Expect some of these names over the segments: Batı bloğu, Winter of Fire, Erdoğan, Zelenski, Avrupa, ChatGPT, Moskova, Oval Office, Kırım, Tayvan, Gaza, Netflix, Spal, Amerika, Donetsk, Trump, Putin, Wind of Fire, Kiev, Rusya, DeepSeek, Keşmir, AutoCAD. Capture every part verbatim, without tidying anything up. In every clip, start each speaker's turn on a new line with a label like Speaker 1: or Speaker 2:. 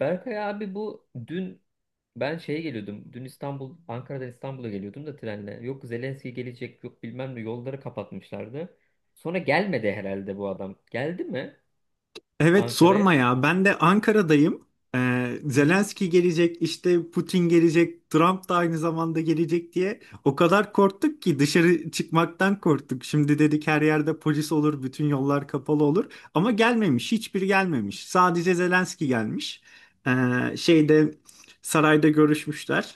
Speaker 1: Berkay abi bu dün ben şeye geliyordum. Dün İstanbul, Ankara'dan İstanbul'a geliyordum da trenle. Yok Zelenski gelecek, yok bilmem ne yolları kapatmışlardı. Sonra gelmedi herhalde bu adam. Geldi mi
Speaker 2: Evet sorma
Speaker 1: Ankara'ya?
Speaker 2: ya. Ben de Ankara'dayım. Ee,
Speaker 1: Hı hı.
Speaker 2: Zelenski gelecek, işte Putin gelecek, Trump da aynı zamanda gelecek diye o kadar korktuk ki dışarı çıkmaktan korktuk. Şimdi dedik her yerde polis olur, bütün yollar kapalı olur. Ama gelmemiş, hiçbir gelmemiş. Sadece Zelenski gelmiş. Ee, şeyde sarayda görüşmüşler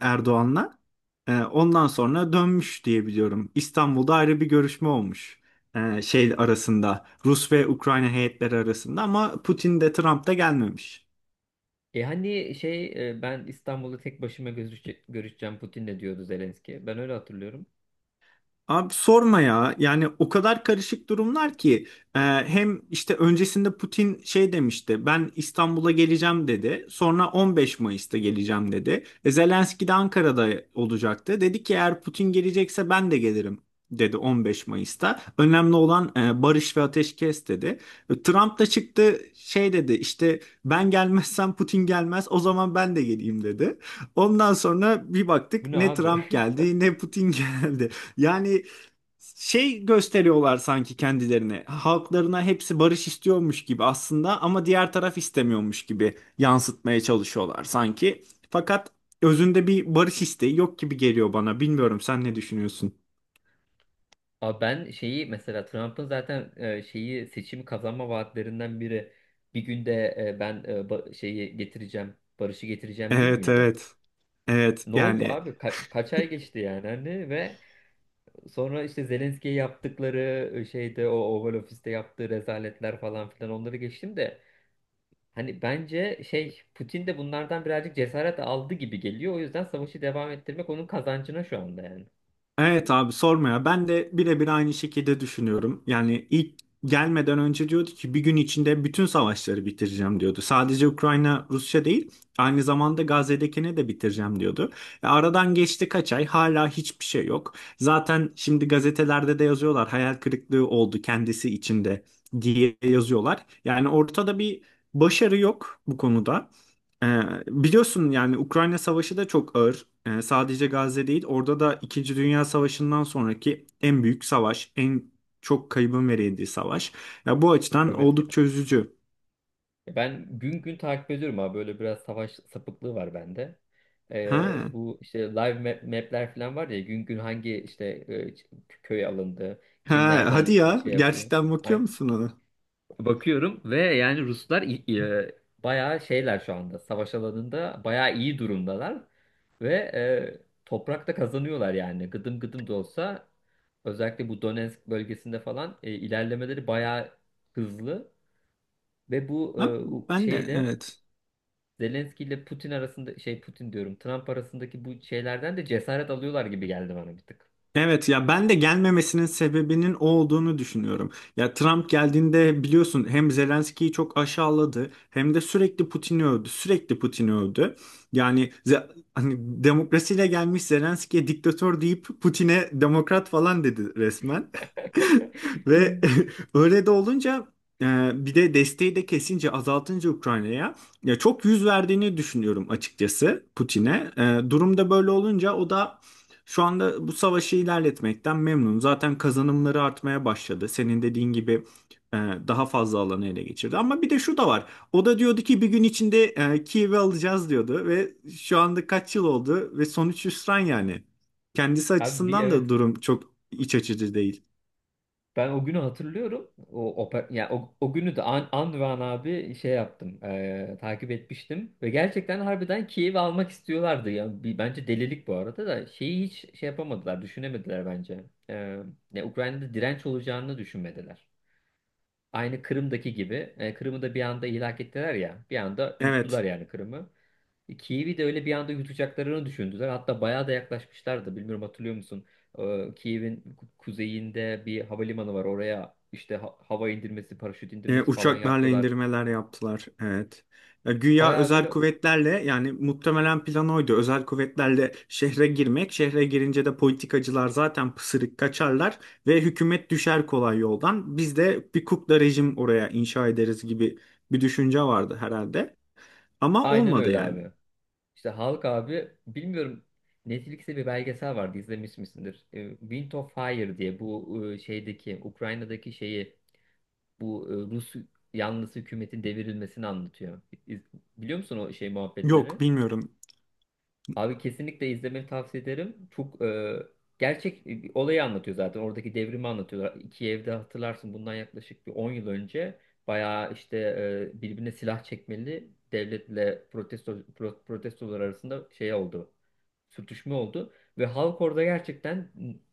Speaker 2: Erdoğan'la. Ee, ondan sonra dönmüş diye biliyorum. İstanbul'da ayrı bir görüşme olmuş. Ee, şey arasında Rus ve Ukrayna heyetleri arasında ama Putin de Trump da gelmemiş.
Speaker 1: E hani şey e, ben İstanbul'da tek başıma görüşe- görüşeceğim Putin'le diyordu Zelenski. Ben öyle hatırlıyorum.
Speaker 2: Abi sorma ya. Yani o kadar karışık durumlar ki e, hem işte öncesinde Putin şey demişti. Ben İstanbul'a geleceğim dedi. Sonra on beş Mayıs'ta geleceğim dedi. E, Zelenski de Ankara'da olacaktı. Dedi ki eğer Putin gelecekse ben de gelirim dedi on beş Mayıs'ta. Önemli olan e, barış ve ateşkes dedi. E, Trump da çıktı şey dedi işte ben gelmezsem Putin gelmez o zaman ben de geleyim dedi. Ondan sonra bir
Speaker 1: Bu
Speaker 2: baktık
Speaker 1: ne
Speaker 2: ne
Speaker 1: abi?
Speaker 2: Trump geldi ne Putin geldi. Yani şey gösteriyorlar sanki kendilerini. Halklarına hepsi barış istiyormuş gibi aslında ama diğer taraf istemiyormuş gibi yansıtmaya çalışıyorlar sanki. Fakat özünde bir barış isteği yok gibi geliyor bana. Bilmiyorum sen ne düşünüyorsun?
Speaker 1: Abi ben şeyi mesela Trump'ın zaten e, şeyi seçim kazanma vaatlerinden biri bir günde e, ben e, ba- şeyi getireceğim, barışı getireceğim değil
Speaker 2: Evet,
Speaker 1: miydi?
Speaker 2: evet. Evet
Speaker 1: Ne oldu
Speaker 2: yani.
Speaker 1: abi? Ka- kaç ay geçti yani hani ve sonra işte Zelenski'ye yaptıkları e, şeyde o Oval Office'te yaptığı rezaletler falan filan onları geçtim de hani bence şey Putin de bunlardan birazcık cesaret aldı gibi geliyor. O yüzden savaşı devam ettirmek onun kazancına şu anda yani.
Speaker 2: Evet abi sorma ya. Ben de birebir aynı şekilde düşünüyorum. Yani ilk gelmeden önce diyordu ki bir gün içinde bütün savaşları bitireceğim diyordu. Sadece Ukrayna, Rusya değil, aynı zamanda Gazze'dekini de bitireceğim diyordu. E, aradan geçti kaç ay hala hiçbir şey yok. Zaten şimdi gazetelerde de yazıyorlar hayal kırıklığı oldu kendisi içinde diye yazıyorlar. Yani ortada bir başarı yok bu konuda. Ee, biliyorsun yani Ukrayna Savaşı da çok ağır. Ee, sadece Gazze değil, orada da İkinci Dünya Savaşı'ndan sonraki en büyük savaş, en çok kaybın verildiği savaş. Ya bu açıdan
Speaker 1: Evet yani.
Speaker 2: oldukça üzücü.
Speaker 1: Ben gün gün takip ediyorum abi. Böyle biraz savaş sapıklığı var bende.
Speaker 2: Ha,
Speaker 1: Ee, bu işte live map- map'ler falan var ya gün gün hangi işte e, köy alındı, kim
Speaker 2: ha, hadi
Speaker 1: nereden
Speaker 2: ya,
Speaker 1: şey yapıyor.
Speaker 2: gerçekten bakıyor musun ona?
Speaker 1: Bakıyorum ve yani Ruslar i- e, bayağı şeyler şu anda. Savaş alanında bayağı iyi durumdalar. Ve e, toprakta kazanıyorlar yani. Gıdım gıdım da olsa özellikle bu Donetsk bölgesinde falan e, ilerlemeleri bayağı hızlı. Ve bu e,
Speaker 2: Ha,
Speaker 1: u-
Speaker 2: ben de
Speaker 1: şeyde
Speaker 2: evet.
Speaker 1: Zelenski ile Putin arasında şey Putin diyorum Trump arasındaki bu şeylerden de cesaret alıyorlar gibi geldi bana bir tık.
Speaker 2: Evet ya ben de gelmemesinin sebebinin o olduğunu düşünüyorum. Ya Trump geldiğinde biliyorsun hem Zelenski'yi çok aşağıladı hem de sürekli Putin'i övdü. Sürekli Putin'i övdü. Yani ze- hani demokrasiyle gelmiş Zelenski'ye diktatör deyip Putin'e demokrat falan dedi resmen. Ve öyle de olunca e, bir de desteği de kesince azaltınca Ukrayna'ya ya çok yüz verdiğini düşünüyorum açıkçası Putin'e. E, durumda böyle olunca o da şu anda bu savaşı ilerletmekten memnun. Zaten kazanımları artmaya başladı. Senin dediğin gibi e, daha fazla alanı ele geçirdi. Ama bir de şu da var. O da diyordu ki bir gün içinde e, Kiev'i alacağız diyordu ve şu anda kaç yıl oldu ve sonuç hüsran yani. Kendisi
Speaker 1: Abi, bir
Speaker 2: açısından da
Speaker 1: evet.
Speaker 2: durum çok iç açıcı değil.
Speaker 1: Ben o günü hatırlıyorum. O, oper, yani o, o günü de an, an ve an abi şey yaptım. Eee, takip etmiştim. Ve gerçekten harbiden Kiev'i almak istiyorlardı. Yani, bir, bence delilik bu arada da şeyi hiç şey yapamadılar. Düşünemediler bence. Eee, ya Ukrayna'da direnç olacağını düşünmediler. Aynı Kırım'daki gibi. e, Kırım'ı da bir anda ilhak ettiler ya. Bir anda yuttular
Speaker 2: Evet.
Speaker 1: yani Kırım'ı. Kiev'i de öyle bir anda yutacaklarını düşündüler. Hatta bayağı da yaklaşmışlardı. Bilmiyorum hatırlıyor musun? Ee, Kiev'in ku- kuzeyinde bir havalimanı var. Oraya işte ha- hava indirmesi, paraşüt
Speaker 2: E,
Speaker 1: indirmesi falan
Speaker 2: uçaklarla
Speaker 1: yaptılar.
Speaker 2: indirmeler yaptılar. Evet. E, güya
Speaker 1: Bayağı
Speaker 2: özel
Speaker 1: böyle
Speaker 2: kuvvetlerle yani muhtemelen plan oydu. Özel kuvvetlerle şehre girmek. Şehre girince de politikacılar zaten pısırık kaçarlar ve hükümet düşer kolay yoldan. Biz de bir kukla rejim oraya inşa ederiz gibi bir düşünce vardı herhalde. Ama
Speaker 1: aynen
Speaker 2: olmadı
Speaker 1: öyle
Speaker 2: yani.
Speaker 1: abi. İşte halk abi bilmiyorum, Netflix'te bir belgesel vardı, izlemiş misindir? Ee, Wind of Fire diye, bu e, şeydeki Ukrayna'daki şeyi, bu e, Rus yanlısı hükümetin devrilmesini anlatıyor. İz- Biliyor musun o şey
Speaker 2: Yok
Speaker 1: muhabbetleri?
Speaker 2: bilmiyorum.
Speaker 1: Abi kesinlikle izlemeni tavsiye ederim. Çok e, gerçek e, bir olayı anlatıyor zaten. Oradaki devrimi anlatıyorlar. İki evde hatırlarsın, bundan yaklaşık bir on yıl önce bayağı işte e, birbirine silah çekmeli devletle protesto, pro- protestolar arasında şey oldu. Sürtüşme oldu. Ve halk orada gerçekten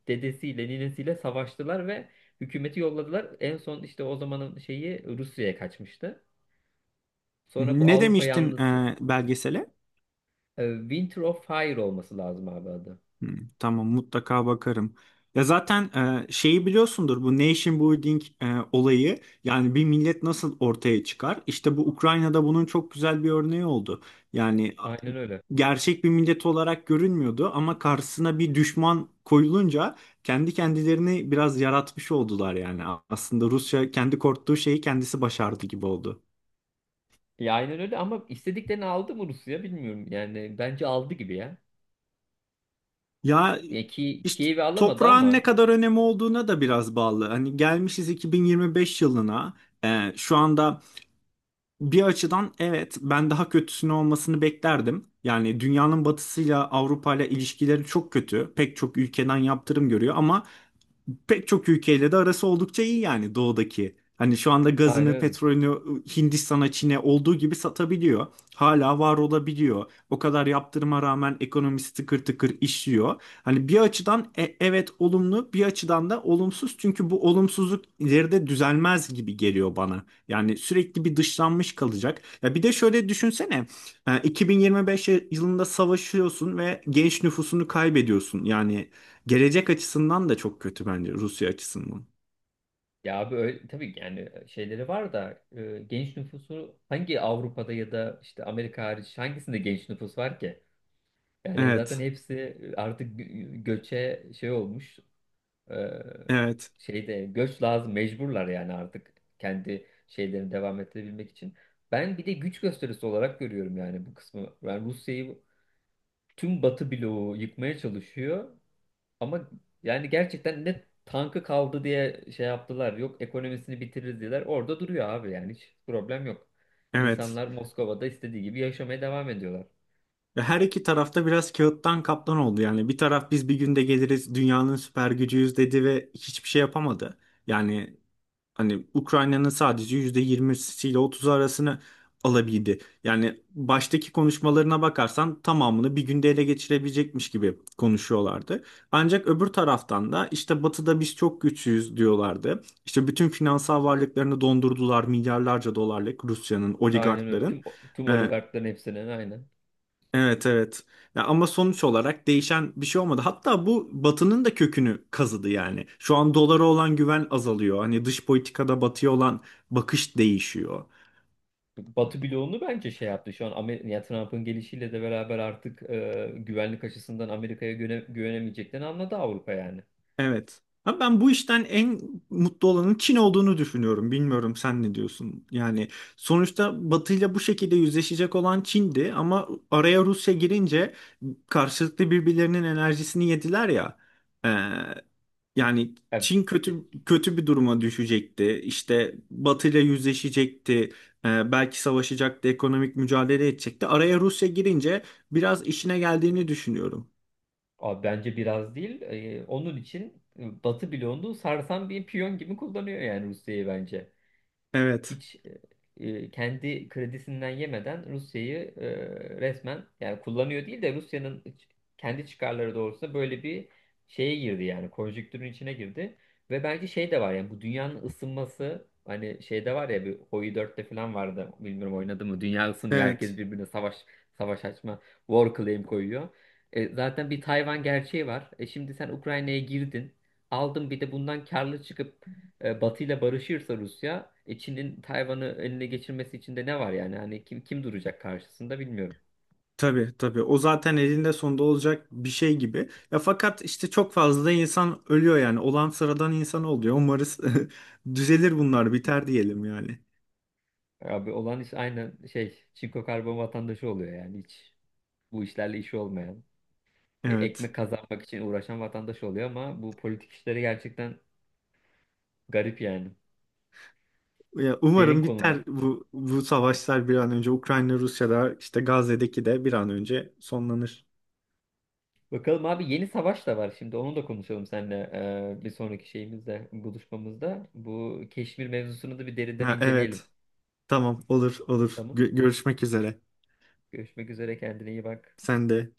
Speaker 1: dedesiyle ninesiyle savaştılar ve hükümeti yolladılar. En son işte o zamanın şeyi Rusya'ya kaçmıştı. Sonra bu
Speaker 2: Ne
Speaker 1: Avrupa
Speaker 2: demiştin
Speaker 1: yanlısı.
Speaker 2: e, belgesele?
Speaker 1: e, Winter of Fire olması lazım abi adı.
Speaker 2: Hmm, tamam mutlaka bakarım. Ya zaten e, şeyi biliyorsundur bu nation building e, olayı yani bir millet nasıl ortaya çıkar? İşte bu Ukrayna'da bunun çok güzel bir örneği oldu. Yani a-
Speaker 1: Aynen öyle.
Speaker 2: gerçek bir millet olarak görünmüyordu ama karşısına bir düşman koyulunca kendi kendilerini biraz yaratmış oldular yani. A- Aslında Rusya kendi korktuğu şeyi kendisi başardı gibi oldu.
Speaker 1: Ya aynen öyle ama istediklerini aldı mı Rusya, bilmiyorum. Yani bence aldı gibi ya.
Speaker 2: Ya
Speaker 1: Ya ki
Speaker 2: işte
Speaker 1: Kiev'i alamadı
Speaker 2: toprağın ne
Speaker 1: ama...
Speaker 2: kadar önemi olduğuna da biraz bağlı. Hani gelmişiz iki bin yirmi beş yılına. Ee, şu anda bir açıdan evet ben daha kötüsünü olmasını beklerdim. Yani dünyanın batısıyla Avrupa ile ilişkileri çok kötü. Pek çok ülkeden yaptırım görüyor ama pek çok ülkeyle de arası oldukça iyi yani doğudaki. Hani şu anda
Speaker 1: Aynen
Speaker 2: gazını,
Speaker 1: öyle.
Speaker 2: petrolünü Hindistan'a, Çin'e olduğu gibi satabiliyor. Hala var olabiliyor. O kadar yaptırıma rağmen ekonomisi tıkır tıkır işliyor. Hani bir açıdan e- evet olumlu, bir açıdan da olumsuz. Çünkü bu olumsuzluk ileride düzelmez gibi geliyor bana. Yani sürekli bir dışlanmış kalacak. Ya bir de şöyle düşünsene. e, iki bin yirmi beş yılında savaşıyorsun ve genç nüfusunu kaybediyorsun. Yani gelecek açısından da çok kötü bence Rusya açısından.
Speaker 1: Ya abi öyle, tabii ki yani şeyleri var da e, genç nüfusu hangi Avrupa'da ya da işte Amerika hariç hangisinde genç nüfus var ki? Yani zaten
Speaker 2: Evet,
Speaker 1: hepsi artık gö- göçe şey olmuş. e,
Speaker 2: evet,
Speaker 1: şeyde göç lazım, mecburlar yani artık kendi şeylerini devam ettirebilmek için. Ben bir de güç gösterisi olarak görüyorum yani bu kısmı. Ben Rusya'yı tüm Batı bloğu yıkmaya çalışıyor. Ama yani gerçekten ne tankı kaldı diye şey yaptılar. Yok ekonomisini bitiririz diyorlar. Orada duruyor abi yani hiç problem yok.
Speaker 2: evet.
Speaker 1: İnsanlar Moskova'da istediği gibi yaşamaya devam ediyorlar.
Speaker 2: Ve her iki tarafta biraz kağıttan kaplan oldu. Yani bir taraf biz bir günde geliriz dünyanın süper gücüyüz dedi ve hiçbir şey yapamadı. Yani hani Ukrayna'nın sadece yüzde yirmisi ile otuzu arasını alabildi. Yani baştaki konuşmalarına bakarsan tamamını bir günde ele geçirebilecekmiş gibi konuşuyorlardı. Ancak öbür taraftan da işte Batı'da biz çok güçlüyüz diyorlardı. İşte bütün finansal varlıklarını dondurdular milyarlarca dolarlık Rusya'nın,
Speaker 1: Aynen öyle.
Speaker 2: oligarkların.
Speaker 1: Tüm, tüm oligarkların hepsinin aynen.
Speaker 2: Evet, evet. Ya ama sonuç olarak değişen bir şey olmadı. Hatta bu Batı'nın da kökünü kazıdı yani. Şu an dolara olan güven azalıyor. Hani dış politikada Batı'ya olan bakış değişiyor.
Speaker 1: Batı bloğunu bence şey yaptı. Şu an Amer ya Trump'ın gelişiyle de beraber artık e, güvenlik açısından Amerika'ya güvene- güvenemeyeceklerini anladı Avrupa yani.
Speaker 2: Evet. Ama ben bu işten en mutlu olanın Çin olduğunu düşünüyorum. Bilmiyorum sen ne diyorsun? Yani sonuçta Batı ile bu şekilde yüzleşecek olan Çin'di ama araya Rusya girince karşılıklı birbirlerinin enerjisini yediler ya. Ee, yani
Speaker 1: Yani,
Speaker 2: Çin kötü kötü bir duruma düşecekti. İşte Batı ile yüzleşecekti. Ee, belki savaşacaktı, ekonomik mücadele edecekti. Araya Rusya girince biraz işine geldiğini düşünüyorum.
Speaker 1: abi, bence biraz değil. Ee, onun için e, Batı bloğunu sarsan bir piyon gibi kullanıyor yani Rusya'yı bence
Speaker 2: Evet.
Speaker 1: hiç e, e, kendi kredisinden yemeden Rusya'yı e, resmen yani kullanıyor değil de Rusya'nın kendi çıkarları doğrultusunda böyle bir şeye girdi yani konjüktürün içine girdi ve bence şey de var yani bu dünyanın ısınması, hani şeyde var ya bir Hoi dörtte falan vardı bilmiyorum oynadı mı, dünya ısınıyor herkes
Speaker 2: Evet.
Speaker 1: birbirine savaş savaş açma war claim koyuyor. E, zaten bir Tayvan gerçeği var. E şimdi sen Ukrayna'ya girdin. Aldın bir de bundan karlı çıkıp e, Batı ile barışırsa Rusya, e, Çin'in Tayvan'ı eline geçirmesi için de ne var yani? Hani kim kim duracak karşısında, bilmiyorum.
Speaker 2: Tabii tabii o zaten elinde sonunda olacak bir şey gibi. Ya fakat işte çok fazla da insan ölüyor yani. Olan sıradan insan oluyor. Umarız düzelir bunlar biter diyelim yani.
Speaker 1: Abi olan iş aynen şey, çinko karbon vatandaşı oluyor yani hiç bu işlerle işi olmayan. e,
Speaker 2: Evet.
Speaker 1: ekmek kazanmak için uğraşan vatandaş oluyor ama bu politik işleri gerçekten garip yani.
Speaker 2: Ya
Speaker 1: Derin
Speaker 2: umarım
Speaker 1: konular.
Speaker 2: biter bu bu savaşlar bir an önce Ukrayna Rusya'da işte Gazze'deki de bir an önce sonlanır.
Speaker 1: Bakalım abi, yeni savaş da var şimdi onu da konuşalım seninle e, bir sonraki şeyimizde, buluşmamızda. Bu Keşmir mevzusunu da bir derinden
Speaker 2: Ha,
Speaker 1: inceleyelim.
Speaker 2: evet. Tamam, olur olur.
Speaker 1: Tamam.
Speaker 2: Gö- görüşmek üzere.
Speaker 1: Görüşmek üzere, kendine iyi bak.
Speaker 2: Sen de.